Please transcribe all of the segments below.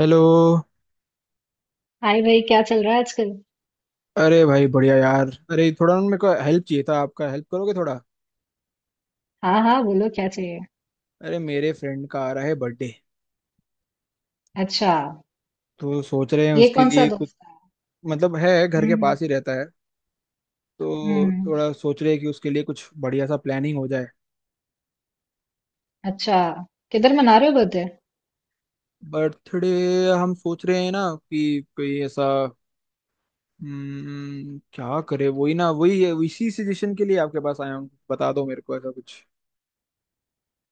Hello. Hi भाई, क्या चल रहा है आजकल? अरे भाई बढ़िया यार। अरे थोड़ा ना, मेरे को हेल्प चाहिए था आपका। हेल्प करोगे थोड़ा? हाँ हाँ, बोलो क्या चाहिए। अरे मेरे फ्रेंड का आ रहा है बर्थडे। अच्छा, तो सोच रहे हैं ये उसके कौन सा लिए कुछ। दोस्त है? मतलब है घर के हम्म। पास ही रहता है। तो हम्म। थोड़ा सोच रहे हैं कि उसके लिए कुछ बढ़िया सा प्लानिंग हो जाए। अच्छा। किधर मना रहे हो बर्थडे? बर्थडे। हम सोच रहे हैं ना कि कोई ऐसा। क्या करे, वही ना वही इसी सजेशन के लिए आपके पास आया हूँ। बता दो मेरे को ऐसा कुछ।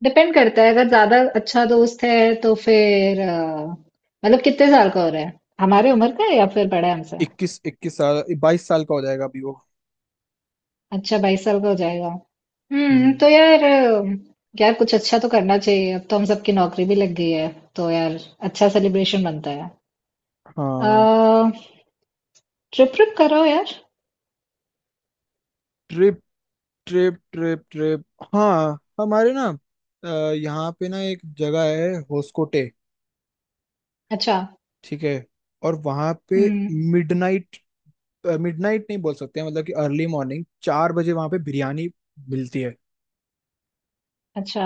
डिपेंड करता है, अगर ज्यादा अच्छा दोस्त है तो फिर मतलब कितने साल का हो रहा है? हमारे उम्र का है या फिर बड़ा है हमसे? इक्कीस इक्कीस साल 22 साल का हो जाएगा अभी वो। अच्छा, 22 साल का हो जाएगा। हम्म, हम्म। तो यार यार कुछ अच्छा तो करना चाहिए। अब तो हम सबकी नौकरी भी लग गई है, तो यार अच्छा सेलिब्रेशन बनता है। हाँ। अ ट्रिप ट्रिप करो यार। Trip trip trip. हाँ हमारे ना, अ, यहाँ पे ना एक जगह है होस्कोटे। अच्छा। ठीक है। और वहाँ पे हम्म। मिडनाइट, मिडनाइट नहीं बोल सकते हैं मतलब कि अर्ली मॉर्निंग 4 बजे वहाँ पे बिरयानी मिलती है। अच्छा।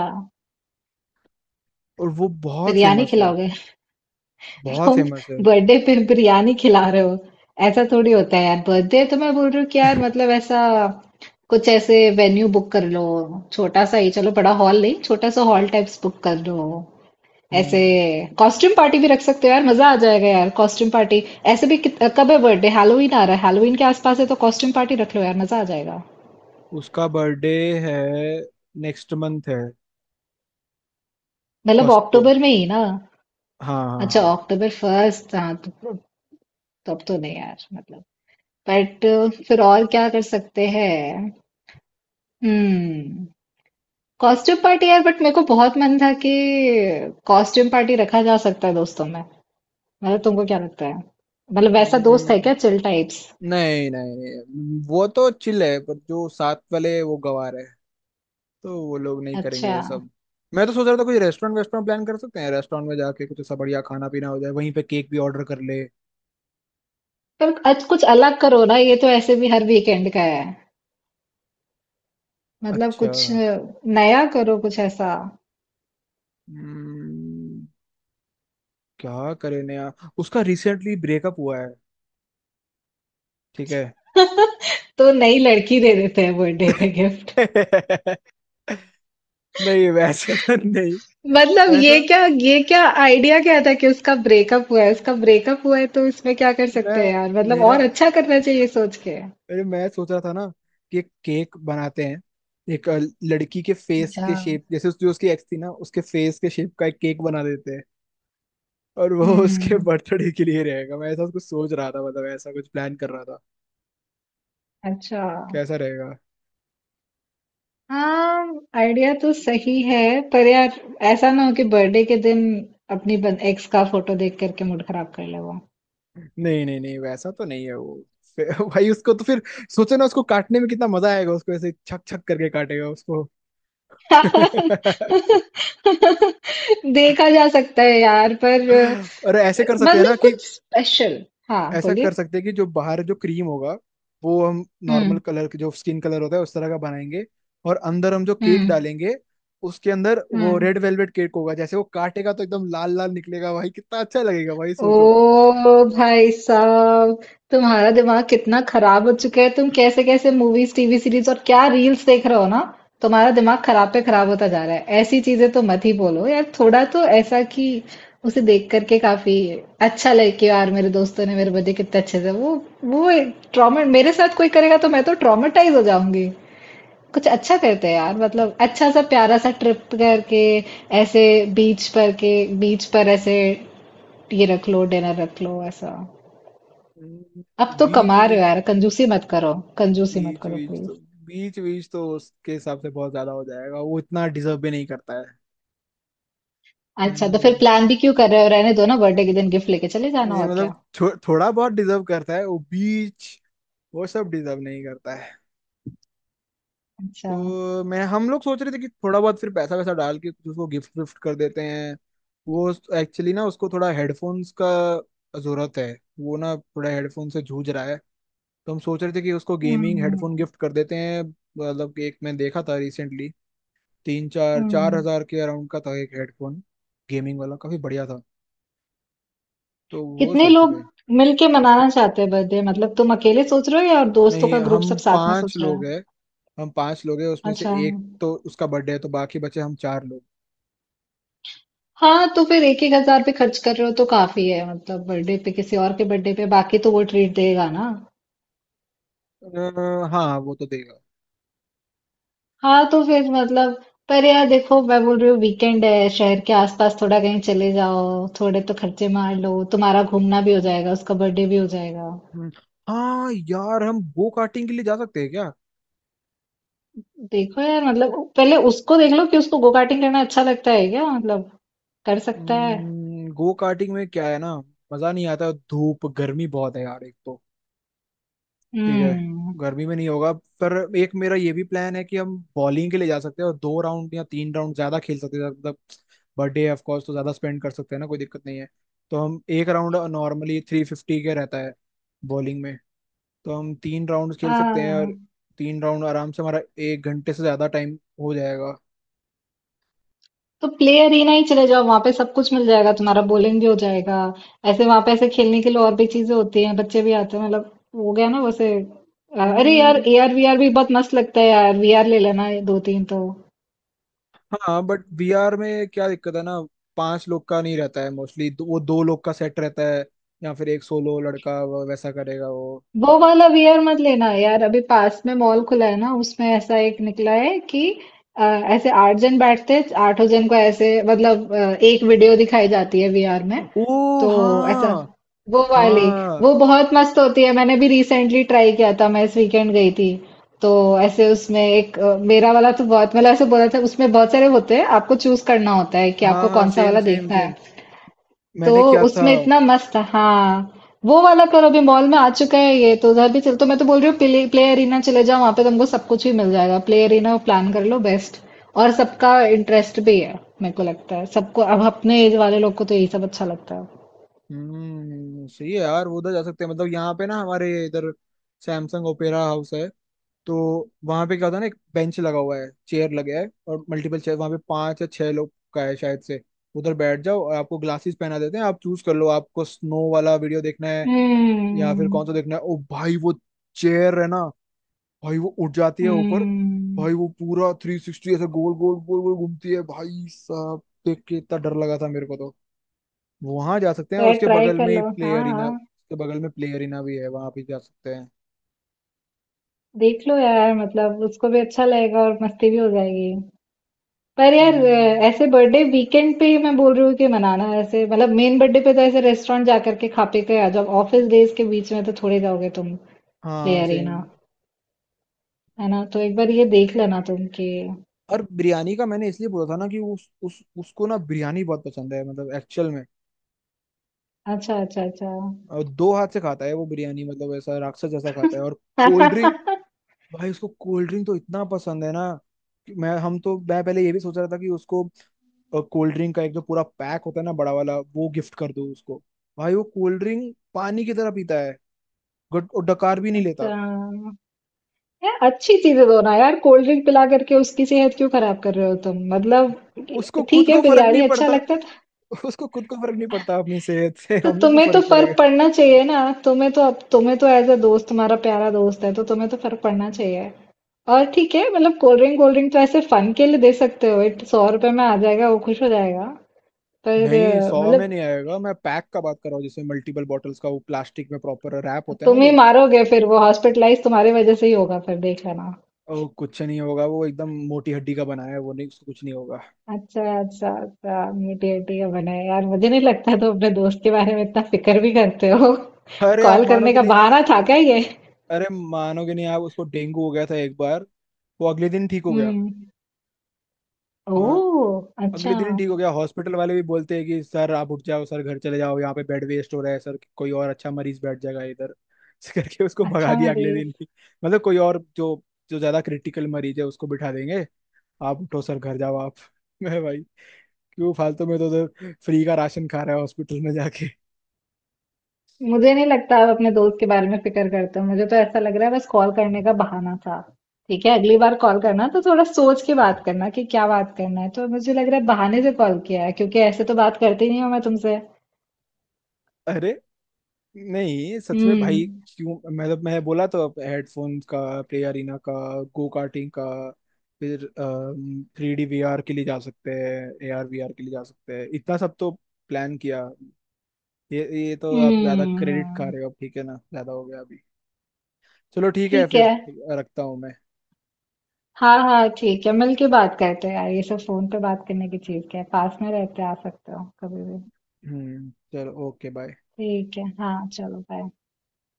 और वो बहुत बिरयानी फेमस है। खिलाओगे? बहुत तुम फेमस है। बर्थडे पे बिरयानी खिला रहे हो? ऐसा थोड़ी होता है यार। बर्थडे तो मैं बोल रही हूँ कि यार, मतलब ऐसा कुछ, ऐसे वेन्यू बुक कर लो। छोटा सा ही चलो, बड़ा हॉल नहीं, छोटा सा हॉल टाइप्स बुक कर लो। ऐसे हम्म, कॉस्ट्यूम पार्टी भी रख सकते हो यार, मजा आ जाएगा यार, कॉस्ट्यूम पार्टी। ऐसे भी कब है बर्थडे? हैलोवीन आ रहा है, हैलोवीन के आसपास है तो कॉस्ट्यूम पार्टी रख लो यार, मजा आ जाएगा। उसका बर्थडे है, नेक्स्ट मंथ है। मतलब फर्स्ट को। अक्टूबर में ही ना? हाँ हाँ अच्छा, हाँ। अक्टूबर फर्स्ट, हाँ तो अब तो नहीं यार मतलब, बट फिर और क्या कर सकते हैं? हम्म। कॉस्ट्यूम पार्टी यार, बट मेरे को बहुत मन था कि कॉस्ट्यूम पार्टी रखा जा सकता है दोस्तों में। मतलब तुमको क्या लगता है? मतलब वैसा दोस्त है हम्म, क्या, चिल टाइप्स? नहीं नहीं, वो तो चिल है पर जो साथ वाले वो गवार है। तो वो लोग नहीं करेंगे अच्छा। ये सब। मैं तो सोच रहा था कुछ रेस्टोरेंट वेस्टोरेंट प्लान कर सकते हैं। रेस्टोरेंट में जाके कुछ ऐसा बढ़िया खाना पीना हो जाए, वहीं पे केक भी ऑर्डर कर ले। पर आज कुछ अलग करो ना, ये तो ऐसे भी हर वीकेंड का है। मतलब अच्छा। कुछ नया करो, कुछ ऐसा। हम्म, क्या करें नया? उसका रिसेंटली ब्रेकअप हुआ है। ठीक है। तो नई लड़की दे देते हैं बर्थडे पे गिफ्ट। नहीं, वैसे तो नहीं। मतलब ये वैसा क्या, ये क्या आइडिया क्या था कि उसका ब्रेकअप हुआ है, उसका ब्रेकअप हुआ है तो इसमें क्या कर मैं सकते हैं यार? मतलब मेरा और अच्छा करना चाहिए सोच के। अरे मैं सोच रहा था ना कि एक केक बनाते हैं। एक लड़की के फेस अच्छा। के शेप जैसे जो उसकी एक्स थी ना, उसके फेस के शेप का एक केक बना देते हैं। और वो उसके हम्म। बर्थडे के लिए रहेगा। मैं ऐसा कुछ सोच रहा था, मतलब ऐसा कुछ प्लान कर रहा था। अच्छा। कैसा रहेगा? हाँ, आइडिया तो सही है, पर यार ऐसा ना हो कि बर्थडे के दिन अपनी एक्स का फोटो देख करके मूड खराब कर ले वो। नहीं नहीं नहीं, वैसा तो नहीं है वो। भाई उसको तो फिर सोचो ना, उसको काटने में कितना मजा आएगा। उसको ऐसे छक छक करके काटेगा उसको। देखा जा सकता है यार, पर और ऐसे कर सकते हैं ना मतलब कि कुछ स्पेशल। हाँ ऐसा कर बोलिए। सकते हैं कि जो बाहर जो क्रीम होगा वो हम नॉर्मल हम्म। कलर के, जो स्किन कलर होता है उस तरह का बनाएंगे। और अंदर हम जो केक हम्म। डालेंगे, उसके अंदर वो हम्म। रेड वेलवेट केक होगा। जैसे वो काटेगा तो एकदम लाल लाल निकलेगा। भाई कितना अच्छा लगेगा, भाई सोचो। ओ भाई साहब, तुम्हारा दिमाग कितना खराब हो चुका है। तुम कैसे कैसे मूवीज, टीवी सीरीज और क्या रील्स देख रहे हो ना। तुम्हारा दिमाग खराब पे खराब होता जा रहा है। ऐसी चीजें तो मत ही बोलो यार, थोड़ा तो ऐसा कि उसे देख करके काफी अच्छा लगे कि यार मेरे दोस्तों ने मेरे बर्थडे कितने अच्छे से वो ट्रॉमा मेरे साथ कोई करेगा तो मैं तो ट्रॉमेटाइज हो जाऊंगी। कुछ अच्छा करते हैं यार, मतलब अच्छा सा प्यारा सा ट्रिप करके, ऐसे बीच पर के, बीच पर ऐसे ये रख लो, डिनर रख लो ऐसा। हम्म, अब तो बीच कमा रहे हो बीच यार, कंजूसी मत करो। कंजूसी मत बीच करो बीच प्लीज। तो, बीच बीच तो उसके हिसाब से बहुत ज्यादा हो जाएगा। वो इतना डिजर्व भी नहीं करता है। अच्छा, तो फिर हम्म। प्लान भी क्यों कर रहे हो? रहने दो ना, बर्थडे के दिन गिफ्ट लेके चले ये जाना और मतलब क्या। थोड़ा बहुत डिजर्व करता है वो। बीच वो सब डिजर्व नहीं करता है। अच्छा। तो मैं हम लोग सोच रहे थे कि थोड़ा बहुत फिर पैसा वैसा डाल के कुछ उसको गिफ्ट विफ्ट कर देते हैं। वो एक्चुअली ना, उसको थोड़ा हेडफोन्स का जरूरत है। वो ना थोड़ा हेडफोन से जूझ रहा है। तो हम सोच रहे थे कि उसको गेमिंग हेडफोन हम्म। गिफ्ट कर देते हैं। मतलब कि एक मैं देखा था रिसेंटली, तीन चार चार हम्म। हजार के अराउंड का था एक हेडफोन। गेमिंग वाला काफी बढ़िया था। तो वो कितने सोच लोग रहे हैं। मिलके मनाना चाहते हैं बर्थडे? मतलब तुम अकेले सोच रहे हो या दोस्तों नहीं, का ग्रुप हम सब साथ में पांच सोच रहा लोग है? हैं। हम पांच लोग हैं, उसमें से अच्छा। एक तो उसका बर्थडे है, तो बाकी बचे हम 4 लोग। हाँ, तो फिर एक एक हजार पे खर्च कर रहे हो तो काफी है। मतलब बर्थडे पे, किसी और के बर्थडे पे, बाकी तो वो ट्रीट देगा ना। हाँ वो तो देगा। हाँ, तो फिर मतलब, पर यार देखो मैं बोल रही हूँ वीकेंड है, शहर के आसपास थोड़ा कहीं चले जाओ, थोड़े तो खर्चे मार लो, तुम्हारा घूमना भी हो जाएगा, उसका बर्थडे भी हो जाएगा। हम्म, हाँ यार हम गो कार्टिंग के लिए जा सकते हैं क्या? देखो यार मतलब पहले उसको देख लो कि उसको गो कार्टिंग करना अच्छा लगता है क्या? मतलब कर सकता है। गो कार्टिंग में क्या है ना, मजा नहीं आता। धूप गर्मी बहुत है यार एक तो। ठीक है, हम्म। गर्मी में नहीं होगा। पर एक मेरा ये भी प्लान है कि हम बॉलिंग के लिए जा सकते हैं और 2 राउंड या 3 राउंड ज्यादा खेल सकते हैं, मतलब बर्थडे ऑफ कोर्स तो ज्यादा स्पेंड कर सकते हैं ना, कोई दिक्कत नहीं है। तो हम एक राउंड नॉर्मली 350 के रहता है बॉलिंग में। तो हम 3 राउंड खेल सकते हैं और हाँ, 3 राउंड आराम से हमारा 1 घंटे से ज्यादा टाइम हो जाएगा। तो प्ले अरेना ही चले जाओ, वहां पे सब कुछ मिल जाएगा, तुम्हारा बॉलिंग भी हो जाएगा। ऐसे वहां पे ऐसे खेलने के लिए और भी चीजें होती हैं, बच्चे भी आते हैं मतलब। हो गया ना वैसे। अरे यार, हम्म, एआर वीआर भी बहुत मस्त लगता है यार, वीआर ले लेना ये दो तीन तो। हाँ बट VR में क्या दिक्कत है ना, 5 लोग का नहीं रहता है। मोस्टली वो 2 लोग का सेट रहता है या फिर एक सोलो लड़का, वो वैसा करेगा वो। वो वाला वीआर मत लेना यार, अभी पास में मॉल खुला है ना, उसमें ऐसा एक निकला है कि ऐसे 8 जन बैठते हैं, आठों जन को ऐसे मतलब एक वीडियो दिखाई जाती है वीआर में, ओ तो ऐसा, हाँ। वो वाली हाँ। वो बहुत मस्त होती है। मैंने भी रिसेंटली ट्राई किया था, मैं इस वीकेंड गई थी। तो ऐसे उसमें एक मेरा वाला तो बहुत, मतलब ऐसे बोला था, उसमें बहुत सारे होते हैं, आपको चूज करना होता है कि हाँ आपको हाँ कौन सा सेम वाला सेम देखना सेम है। तो मैंने किया था। उसमें इतना मस्त था। हाँ, वो वाला करो। अभी मॉल में आ चुका है ये, तो उधर भी चल, तो मैं तो बोल रही हूँ प्ले एरिना चले जाओ, वहां पे तुमको सब कुछ भी मिल जाएगा, प्ले एरिना प्लान कर लो, बेस्ट। और सबका इंटरेस्ट भी है। मेरे को लगता है सबको, अब अपने एज वाले लोग को तो यही सब अच्छा लगता है। सही है यार, वो उधर जा सकते हैं। मतलब यहाँ पे ना हमारे इधर सैमसंग ओपेरा हाउस है। तो वहां पे क्या होता है ना, एक बेंच लगा हुआ है, चेयर लगा है और मल्टीपल चेयर। वहां पे 5 या 6 लोग का है शायद से। उधर बैठ जाओ और आपको ग्लासेस पहना देते हैं। आप चूज कर लो, आपको स्नो वाला वीडियो देखना है या फिर कौन सा हम्म। देखना है। ओ भाई वो चेयर है ना, भाई वो उठ जाती है ऊपर। हम्म। भाई वो पूरा 360 ऐसे गोल गोल घूमती है। भाई साहब देख के इतना डर लगा था मेरे को तो। वहां जा सकते हैं। और तो उसके ट्राई बगल कर में ही लो। प्ले हाँ अरीना, हाँ, उसके बगल में प्ले अरीना भी है, वहां भी जा सकते हैं। देख लो यार, मतलब उसको भी अच्छा लगेगा और मस्ती भी हो जाएगी। पर यार हाँ ऐसे बर्थडे वीकेंड पे मैं बोल रही हूँ कि मनाना। ऐसे मतलब मेन बर्थडे पे तो ऐसे रेस्टोरेंट जा करके खा पी के आ जाओ, ऑफिस डेज के बीच में तो थोड़े जाओगे तुम। प्ले हाँ अरेना सेम। है ना, तो एक बार ये देख लेना तुम कि और बिरयानी का मैंने इसलिए बोला था ना कि उस उसको ना बिरयानी बहुत पसंद है मतलब एक्चुअल में। अच्छा अच्छा अच्छा। और दो हाथ से खाता है वो बिरयानी, मतलब ऐसा राक्षस जैसा खाता है। और कोल्ड ड्रिंक, भाई उसको कोल्ड ड्रिंक तो इतना पसंद है ना कि मैं हम तो मैं पहले ये भी सोच रहा था कि उसको कोल्ड ड्रिंक का एक जो पूरा पैक होता है ना, बड़ा वाला, वो गिफ्ट कर दो उसको। भाई वो कोल्ड ड्रिंक पानी की तरह पीता है। और डकार भी नहीं लेता। अच्छा यार, अच्छी चीजें दो ना यार। कोल्ड ड्रिंक पिला करके उसकी सेहत क्यों खराब कर रहे हो तुम मतलब। उसको खुद ठीक है, को फर्क बिरयानी नहीं अच्छा पड़ता। लगता है। उसको खुद को फर्क नहीं पड़ता अपनी सेहत से, तो हमें क्यों तुम्हें तो फर्क पड़ेगा। फर्क पड़ना चाहिए ना, तुम्हें तो, अब तुम्हें तो एज अ दोस्त, तुम्हारा प्यारा दोस्त है तो तुम्हें तो फर्क पड़ना चाहिए। और ठीक है मतलब, कोल्ड ड्रिंक तो ऐसे फन के लिए दे सकते हो, इट 100 रुपए में आ जाएगा, वो खुश हो जाएगा। पर नहीं, 100 में मतलब नहीं आएगा। मैं पैक का बात कर रहा हूँ, जिसमें मल्टीपल बॉटल्स का वो प्लास्टिक में प्रॉपर रैप होता है ना तुम ही जो। मारोगे फिर, वो हॉस्पिटलाइज तुम्हारी वजह से ही होगा फिर, देख लेना। ओ, कुछ नहीं होगा, वो एकदम मोटी हड्डी का बनाया है वो। नहीं, उसको कुछ नहीं होगा। अच्छा अच्छा अच्छा, मीठी मीठी का बना है यार। मुझे नहीं लगता तुम अपने दोस्त के बारे में इतना फिक्र भी करते हो। अरे आप कॉल करने मानोगे का नहीं। बहाना था क्या ये? अरे मानोगे नहीं आप, उसको डेंगू हो गया था एक बार। वो अगले दिन ठीक हो गया। हम्म। हाँ। ओह अच्छा। अगले दिन ही ठीक हो गया। हॉस्पिटल वाले भी बोलते हैं कि सर आप उठ जाओ, सर घर चले जाओ, यहाँ पे बेड वेस्ट हो रहा है सर। कोई और अच्छा मरीज बैठ जाएगा इधर। ऐसे करके उसको भगा अच्छा दिया अगले मनीष, दिन ही। मतलब कोई और जो, जो ज्यादा क्रिटिकल मरीज है उसको बिठा देंगे। आप उठो सर, घर जाओ आप। मैं भाई क्यों फालतू में तो उधर फ्री का राशन खा रहा है हॉस्पिटल में जाके। मुझे नहीं लगता आप अपने दोस्त के बारे में फिक्र करते हो, मुझे तो ऐसा लग रहा है बस कॉल करने का बहाना था। ठीक है, अगली बार कॉल करना तो थोड़ा सोच के बात करना कि क्या बात करना है, तो मुझे लग रहा है बहाने से कॉल किया है, क्योंकि ऐसे तो बात करती नहीं हूँ मैं तुमसे। अरे नहीं, सच में हम्म। भाई। क्यों, मतलब मैं बोला तो अब हेडफोन का, प्ले अरीना का, गो कार्टिंग का, फिर 3D VR के लिए जा सकते हैं, AR VR के लिए जा सकते हैं। इतना सब तो प्लान किया। ये ये तो आप ज्यादा क्रेडिट खा हम्म। रहे हो अब, ठीक है ना? ज्यादा हो गया अभी। चलो ठीक है ठीक फिर, है। रखता हूँ मैं। हाँ हाँ, ठीक है मिलके बात करते हैं यार, ये सब फोन पे बात करने की चीज क्या है, पास में रहते हैं, आ सकते हो कभी भी। चलो, ओके बाय। ठीक है, हाँ, चलो बाय।